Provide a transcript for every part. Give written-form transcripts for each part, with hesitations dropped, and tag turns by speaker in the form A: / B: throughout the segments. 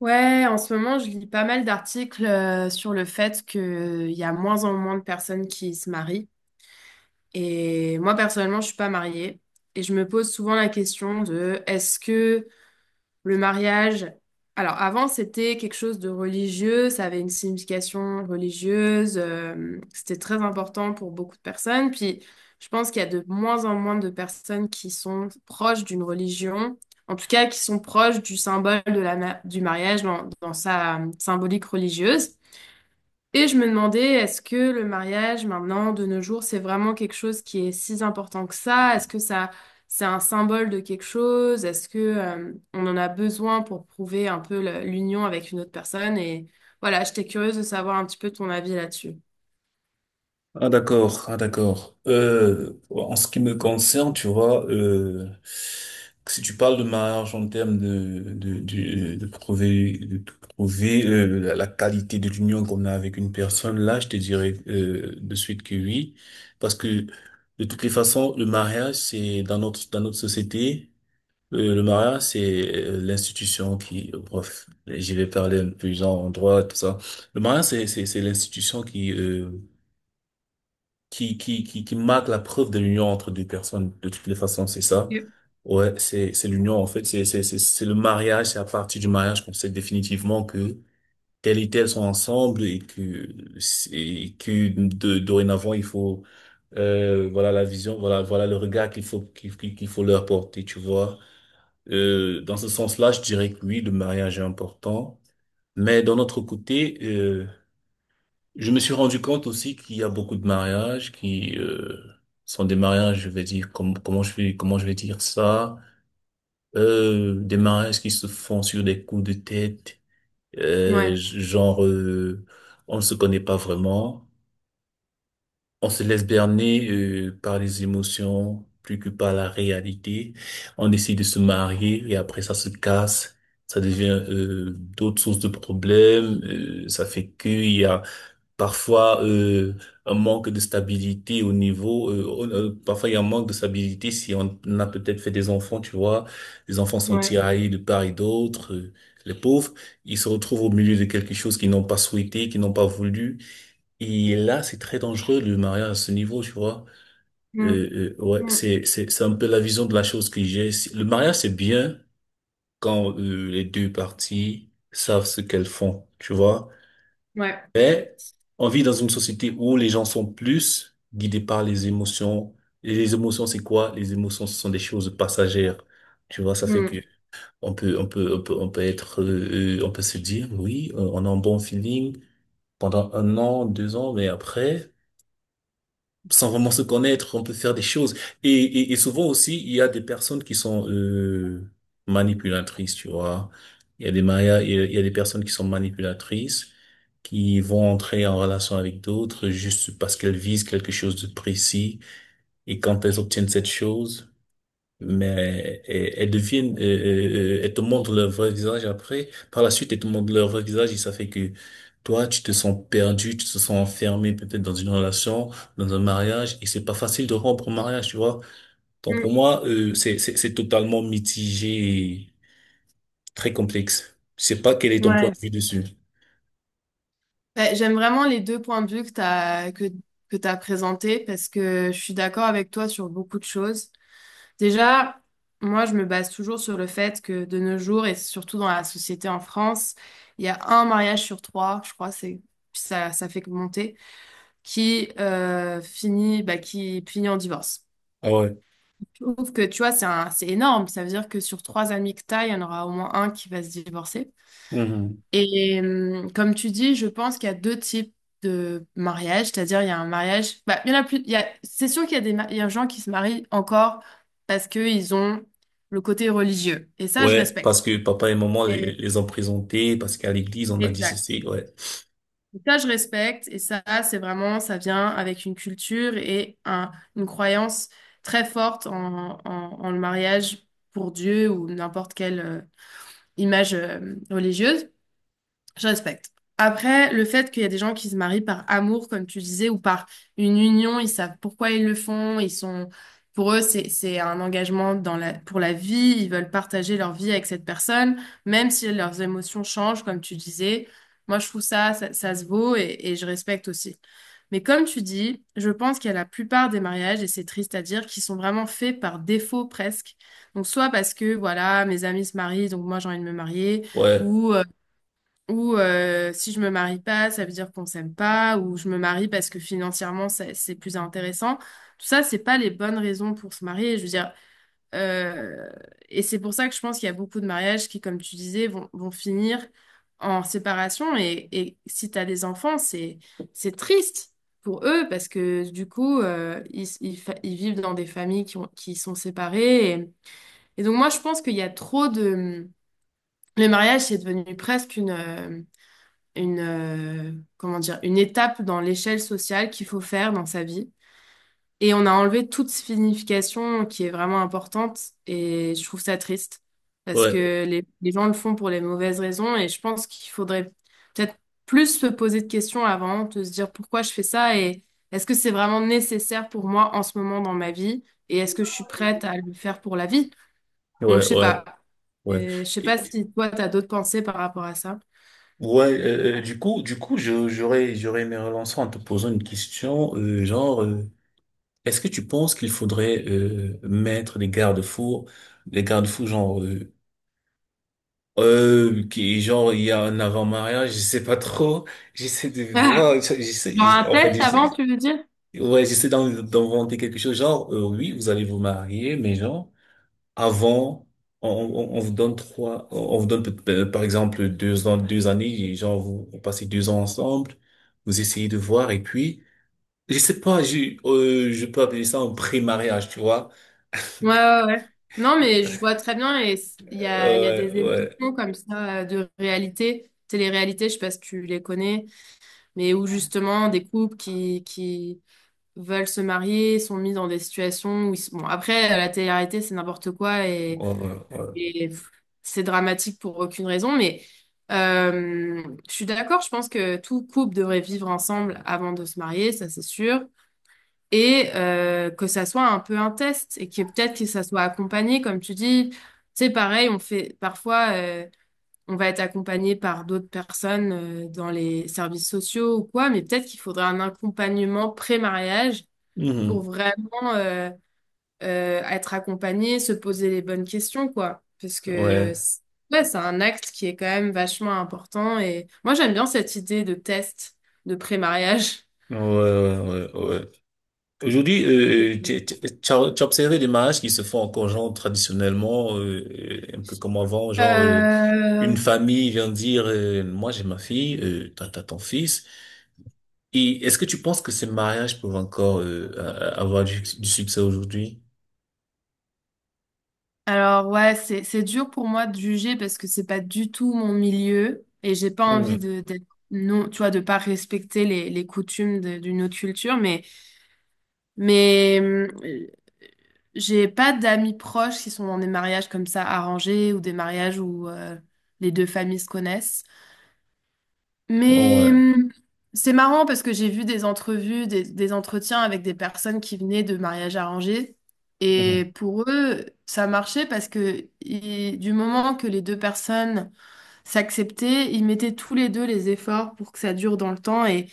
A: Ouais, en ce moment, je lis pas mal d'articles sur le fait qu'il y a moins en moins de personnes qui se marient. Et moi, personnellement, je suis pas mariée. Et je me pose souvent la question de est-ce que le mariage, alors avant c'était quelque chose de religieux, ça avait une signification religieuse, c'était très important pour beaucoup de personnes. Puis je pense qu'il y a de moins en moins de personnes qui sont proches d'une religion, en tout cas qui sont proches du symbole de la du mariage dans sa symbolique religieuse. Et je me demandais, est-ce que le mariage maintenant, de nos jours, c'est vraiment quelque chose qui est si important que ça? Est-ce que ça, c'est un symbole de quelque chose? Est-ce que, on en a besoin pour prouver un peu l'union avec une autre personne? Et voilà, j'étais curieuse de savoir un petit peu ton avis là-dessus.
B: Ah d'accord, ah d'accord. En ce qui me concerne, tu vois, si tu parles de mariage en termes de prouver de prouver, la qualité de l'union qu'on a avec une personne, là, je te dirais de suite que oui, parce que de toutes les façons, le mariage, c'est dans notre société, le mariage, c'est l'institution qui, bref, j'y vais parler un peu genre en droit tout ça. Le mariage, c'est l'institution qui marque la preuve de l'union entre deux personnes, de toutes les façons, c'est ça.
A: Ok.
B: Ouais, c'est l'union, en fait, c'est le mariage, c'est à partir du mariage qu'on sait définitivement que tel et tel sont ensemble et que dorénavant, il faut, voilà la vision, voilà le regard qu'il faut, qu'il faut leur porter, tu vois. Dans ce sens-là, je dirais que oui, le mariage est important. Mais d'un autre côté, je me suis rendu compte aussi qu'il y a beaucoup de mariages qui sont des mariages, je vais dire, comme, comment je vais dire ça, des mariages qui se font sur des coups de tête, euh,
A: Ouais,
B: genre euh, on ne se connaît pas vraiment, on se laisse berner par les émotions plus que par la réalité, on décide de se marier et après ça se casse. Ça devient d'autres sources de problèmes. Ça fait qu'il y a Parfois, un manque de stabilité au niveau, parfois il y a un manque de stabilité si on a peut-être fait des enfants, tu vois. Les enfants sont
A: ouais.
B: tiraillés de part et d'autre. Les pauvres, ils se retrouvent au milieu de quelque chose qu'ils n'ont pas souhaité, qu'ils n'ont pas voulu. Et là, c'est très dangereux le mariage à ce niveau, tu vois.
A: Mm.
B: Euh, euh, ouais,
A: Mm.
B: c'est c'est c'est un peu la vision de la chose que j'ai. Le mariage, c'est bien quand les deux parties savent ce qu'elles font, tu vois.
A: Ouais.
B: Mais on vit dans une société où les gens sont plus guidés par les émotions. Et les émotions, c'est quoi? Les émotions, ce sont des choses passagères. Tu vois, ça fait
A: Mm.
B: que on peut être, on peut se dire, oui, on a un bon feeling pendant un an, deux ans, mais après, sans vraiment se connaître, on peut faire des choses. Et, et souvent aussi, il y a des personnes qui sont manipulatrices, tu vois. Il y a des mariages, il y a des personnes qui sont manipulatrices, qui vont entrer en relation avec d'autres juste parce qu'elles visent quelque chose de précis. Et quand elles obtiennent cette chose, mais elles, elles deviennent, elles te montrent leur vrai visage après. Par la suite, elles te montrent leur vrai visage et ça fait que toi, tu te sens perdu, tu te sens enfermé peut-être dans une relation, dans un mariage et c'est pas facile de rompre un mariage, tu vois. Donc pour
A: Mm.
B: moi, c'est totalement mitigé et très complexe. Je sais pas quel est ton point
A: Ouais.
B: de vue dessus.
A: Ouais, j'aime vraiment les deux points de vue que t'as présentés parce que je suis d'accord avec toi sur beaucoup de choses. Déjà, moi, je me base toujours sur le fait que de nos jours, et surtout dans la société en France, il y a un mariage sur trois, je crois, c'est ça, ça fait que monter, qui finit, bah, qui finit en divorce.
B: Ah ouais.
A: Je trouve que tu vois, c'est énorme. Ça veut dire que sur trois amis que t'as, il y en aura au moins un qui va se divorcer.
B: Mhm.
A: Et comme tu dis, je pense qu'il y a deux types de mariage, c'est-à-dire il y a un mariage, bah, il y en a plus, c'est sûr qu'il y a il y a des gens qui se marient encore parce qu'ils ont le côté religieux. Et ça, je
B: Ouais, parce
A: respecte.
B: que papa et maman
A: Et-
B: les ont présentés, parce qu'à l'église, on a dit
A: Exact.
B: ceci, ouais.
A: Et ça, je respecte. Et ça, c'est vraiment, ça vient avec une culture et une croyance très forte en, en le mariage pour Dieu ou n'importe quelle image religieuse. Je respecte. Après, le fait qu'il y a des gens qui se marient par amour, comme tu disais, ou par une union, ils savent pourquoi ils le font, ils sont, pour eux, c'est un engagement dans la, pour la vie, ils veulent partager leur vie avec cette personne, même si leurs émotions changent, comme tu disais. Moi, je trouve ça se vaut et je respecte aussi. Mais comme tu dis, je pense qu'il y a la plupart des mariages, et c'est triste à dire, qui sont vraiment faits par défaut presque. Donc, soit parce que, voilà, mes amis se marient, donc moi, j'ai envie de me marier,
B: Ouais,
A: ou euh, ou si je me marie pas, ça veut dire qu'on s'aime pas, ou je me marie parce que financièrement c'est plus intéressant. Tout ça, c'est pas les bonnes raisons pour se marier. Je veux dire, euh, et c'est pour ça que je pense qu'il y a beaucoup de mariages qui, comme tu disais, vont finir en séparation. Et si t'as des enfants, c'est triste pour eux parce que du coup, ils vivent dans des familles qui ont, qui sont séparées. Et donc moi, je pense qu'il y a trop de le mariage, c'est devenu presque une, comment dire, une étape dans l'échelle sociale qu'il faut faire dans sa vie. Et on a enlevé toute signification qui est vraiment importante et je trouve ça triste parce
B: ouais,
A: que les gens le font pour les mauvaises raisons et je pense qu'il faudrait peut-être plus se poser de questions avant, de se dire pourquoi je fais ça et est-ce que c'est vraiment nécessaire pour moi en ce moment dans ma vie et est-ce que je suis prête à le faire pour la vie? Donc
B: ouais,
A: je sais
B: ouais,
A: pas.
B: ouais.
A: Et je sais pas si toi, tu as d'autres pensées par rapport à ça.
B: Ouais, du coup, je- j'aurais, j'aurais aimé relancer en te posant une question, genre, est-ce que tu penses qu'il faudrait mettre des garde-fous genre, il y a un avant-mariage, je sais pas trop, j'essaie de voir, ça,
A: Genre un test avant,
B: j'essaie,
A: tu veux dire?
B: ouais, d'inventer quelque chose, oui, vous allez vous marier, mais genre. Avant, on vous donne trois, on vous donne peut- par exemple deux ans, deux années, et genre vous passez deux ans ensemble, vous essayez de voir et puis, je sais pas, je peux appeler ça un pré-mariage, tu vois.
A: Ouais, ouais, ouais. Non, mais je vois très bien et il y a
B: Euh,
A: des
B: ouais,
A: émissions comme ça de réalité, télé-réalité, je sais pas si tu les connais, mais où justement des couples qui veulent se marier sont mis dans des situations où ils sont... Bon, après, la télé-réalité, c'est n'importe quoi
B: ouais, ouais, ouais.
A: et pff, c'est dramatique pour aucune raison, mais euh, je suis d'accord, je pense que tout couple devrait vivre ensemble avant de se marier, ça c'est sûr et que ça soit un peu un test et que peut-être que ça soit accompagné, comme tu dis. C'est pareil, on fait parfois, on va être accompagné par d'autres personnes dans les services sociaux ou quoi, mais peut-être qu'il faudrait un accompagnement pré-mariage pour
B: Mhm.
A: vraiment être accompagné, se poser les bonnes questions, quoi. Parce que
B: Ouais,
A: ouais, c'est un acte qui est quand même vachement important et moi j'aime bien cette idée de test de pré-mariage.
B: ouais, ouais, ouais, ouais. Aujourd'hui, tu as observé des mariages qui se font encore genre traditionnellement, un peu comme avant,
A: Euh,
B: une famille vient dire, moi j'ai ma fille, t'as ton fils. Et est-ce que tu penses que ces mariages peuvent encore avoir du succès aujourd'hui?
A: Alors ouais, c'est dur pour moi de juger parce que c'est pas du tout mon milieu et j'ai pas envie
B: Mhm.
A: de d'être non, tu vois, de pas respecter les coutumes d'une autre culture, mais mais euh, j'ai pas d'amis proches qui sont dans des mariages comme ça arrangés ou des mariages où les deux familles se connaissent. Mais
B: Ouais.
A: c'est marrant parce que j'ai vu des entrevues, des entretiens avec des personnes qui venaient de mariages arrangés.
B: Mhm.
A: Et pour eux, ça marchait parce que du moment que les deux personnes s'acceptaient, ils mettaient tous les deux les efforts pour que ça dure dans le temps.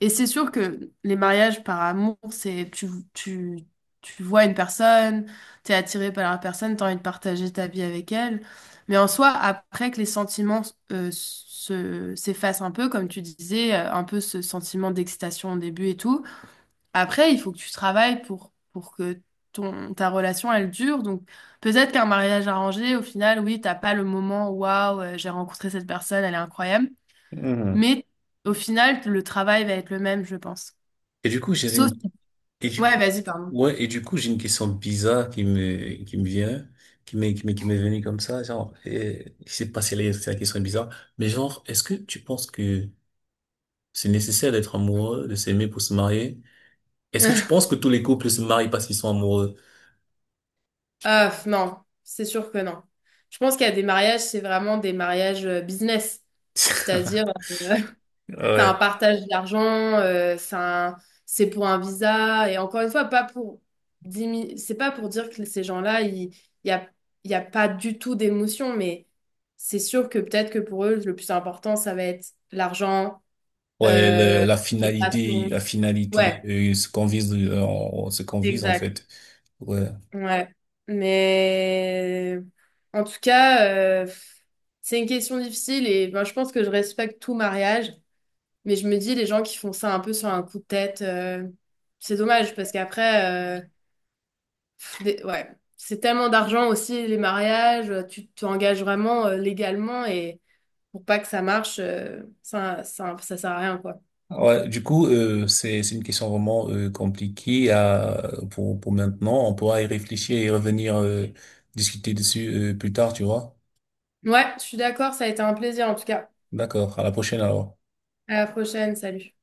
A: Et c'est sûr que les mariages par amour, tu, tu vois une personne, t'es attiré par la personne, t'as envie de partager ta vie avec elle. Mais en soi, après que les sentiments s'effacent un peu, comme tu disais, un peu ce sentiment d'excitation au début et tout, après, il faut que tu travailles pour que ta relation, elle dure. Donc peut-être qu'un mariage arrangé, au final, oui, t'as pas le moment, waouh, j'ai rencontré cette personne, elle est incroyable.
B: Mhm.
A: Mais au final, le travail va être le même, je pense.
B: Et du coup, j'avais
A: Sauf...
B: une, et du
A: Ouais,
B: coup,
A: vas-y, pardon.
B: ouais, Et du coup, j'ai une question bizarre qui me vient, qui m'est venue comme ça, genre, et, je sais pas si elle est- c'est la question est bizarre, mais genre, est-ce que tu penses que c'est nécessaire d'être amoureux, de s'aimer pour se marier? Est-ce que tu penses que tous les couples se marient parce qu'ils sont amoureux?
A: Ah, non, c'est sûr que non. Je pense qu'il y a des mariages, c'est vraiment des mariages business. C'est-à-dire, euh, c'est un
B: Ouais.
A: partage d'argent, euh, c'est un- c'est pour un visa. Et encore une fois, pas pour c'est pas pour dire que ces gens-là, n'y a, il y a pas du tout d'émotion, mais c'est sûr que peut-être que pour eux, le plus important, ça va être l'argent,
B: Ouais,
A: euh, les passions.
B: la finalité,
A: Ouais,
B: ce qu'on vise, ce qu'on vise en
A: exact.
B: fait. Ouais.
A: Ouais, mais en tout cas, euh, c'est une question difficile et ben, je pense que je respecte tout mariage, mais je me dis les gens qui font ça un peu sur un coup de tête, c'est dommage parce qu'après, pff, ouais, c'est tellement d'argent aussi les mariages, tu t'engages vraiment légalement et pour pas que ça marche, ça sert à rien quoi.
B: Ouais, c'est une question vraiment compliquée à pour maintenant. On pourra y réfléchir et revenir discuter dessus plus tard, tu vois.
A: Ouais, je suis d'accord, ça a été un plaisir en tout cas.
B: D'accord. À la prochaine alors.
A: À la prochaine, salut.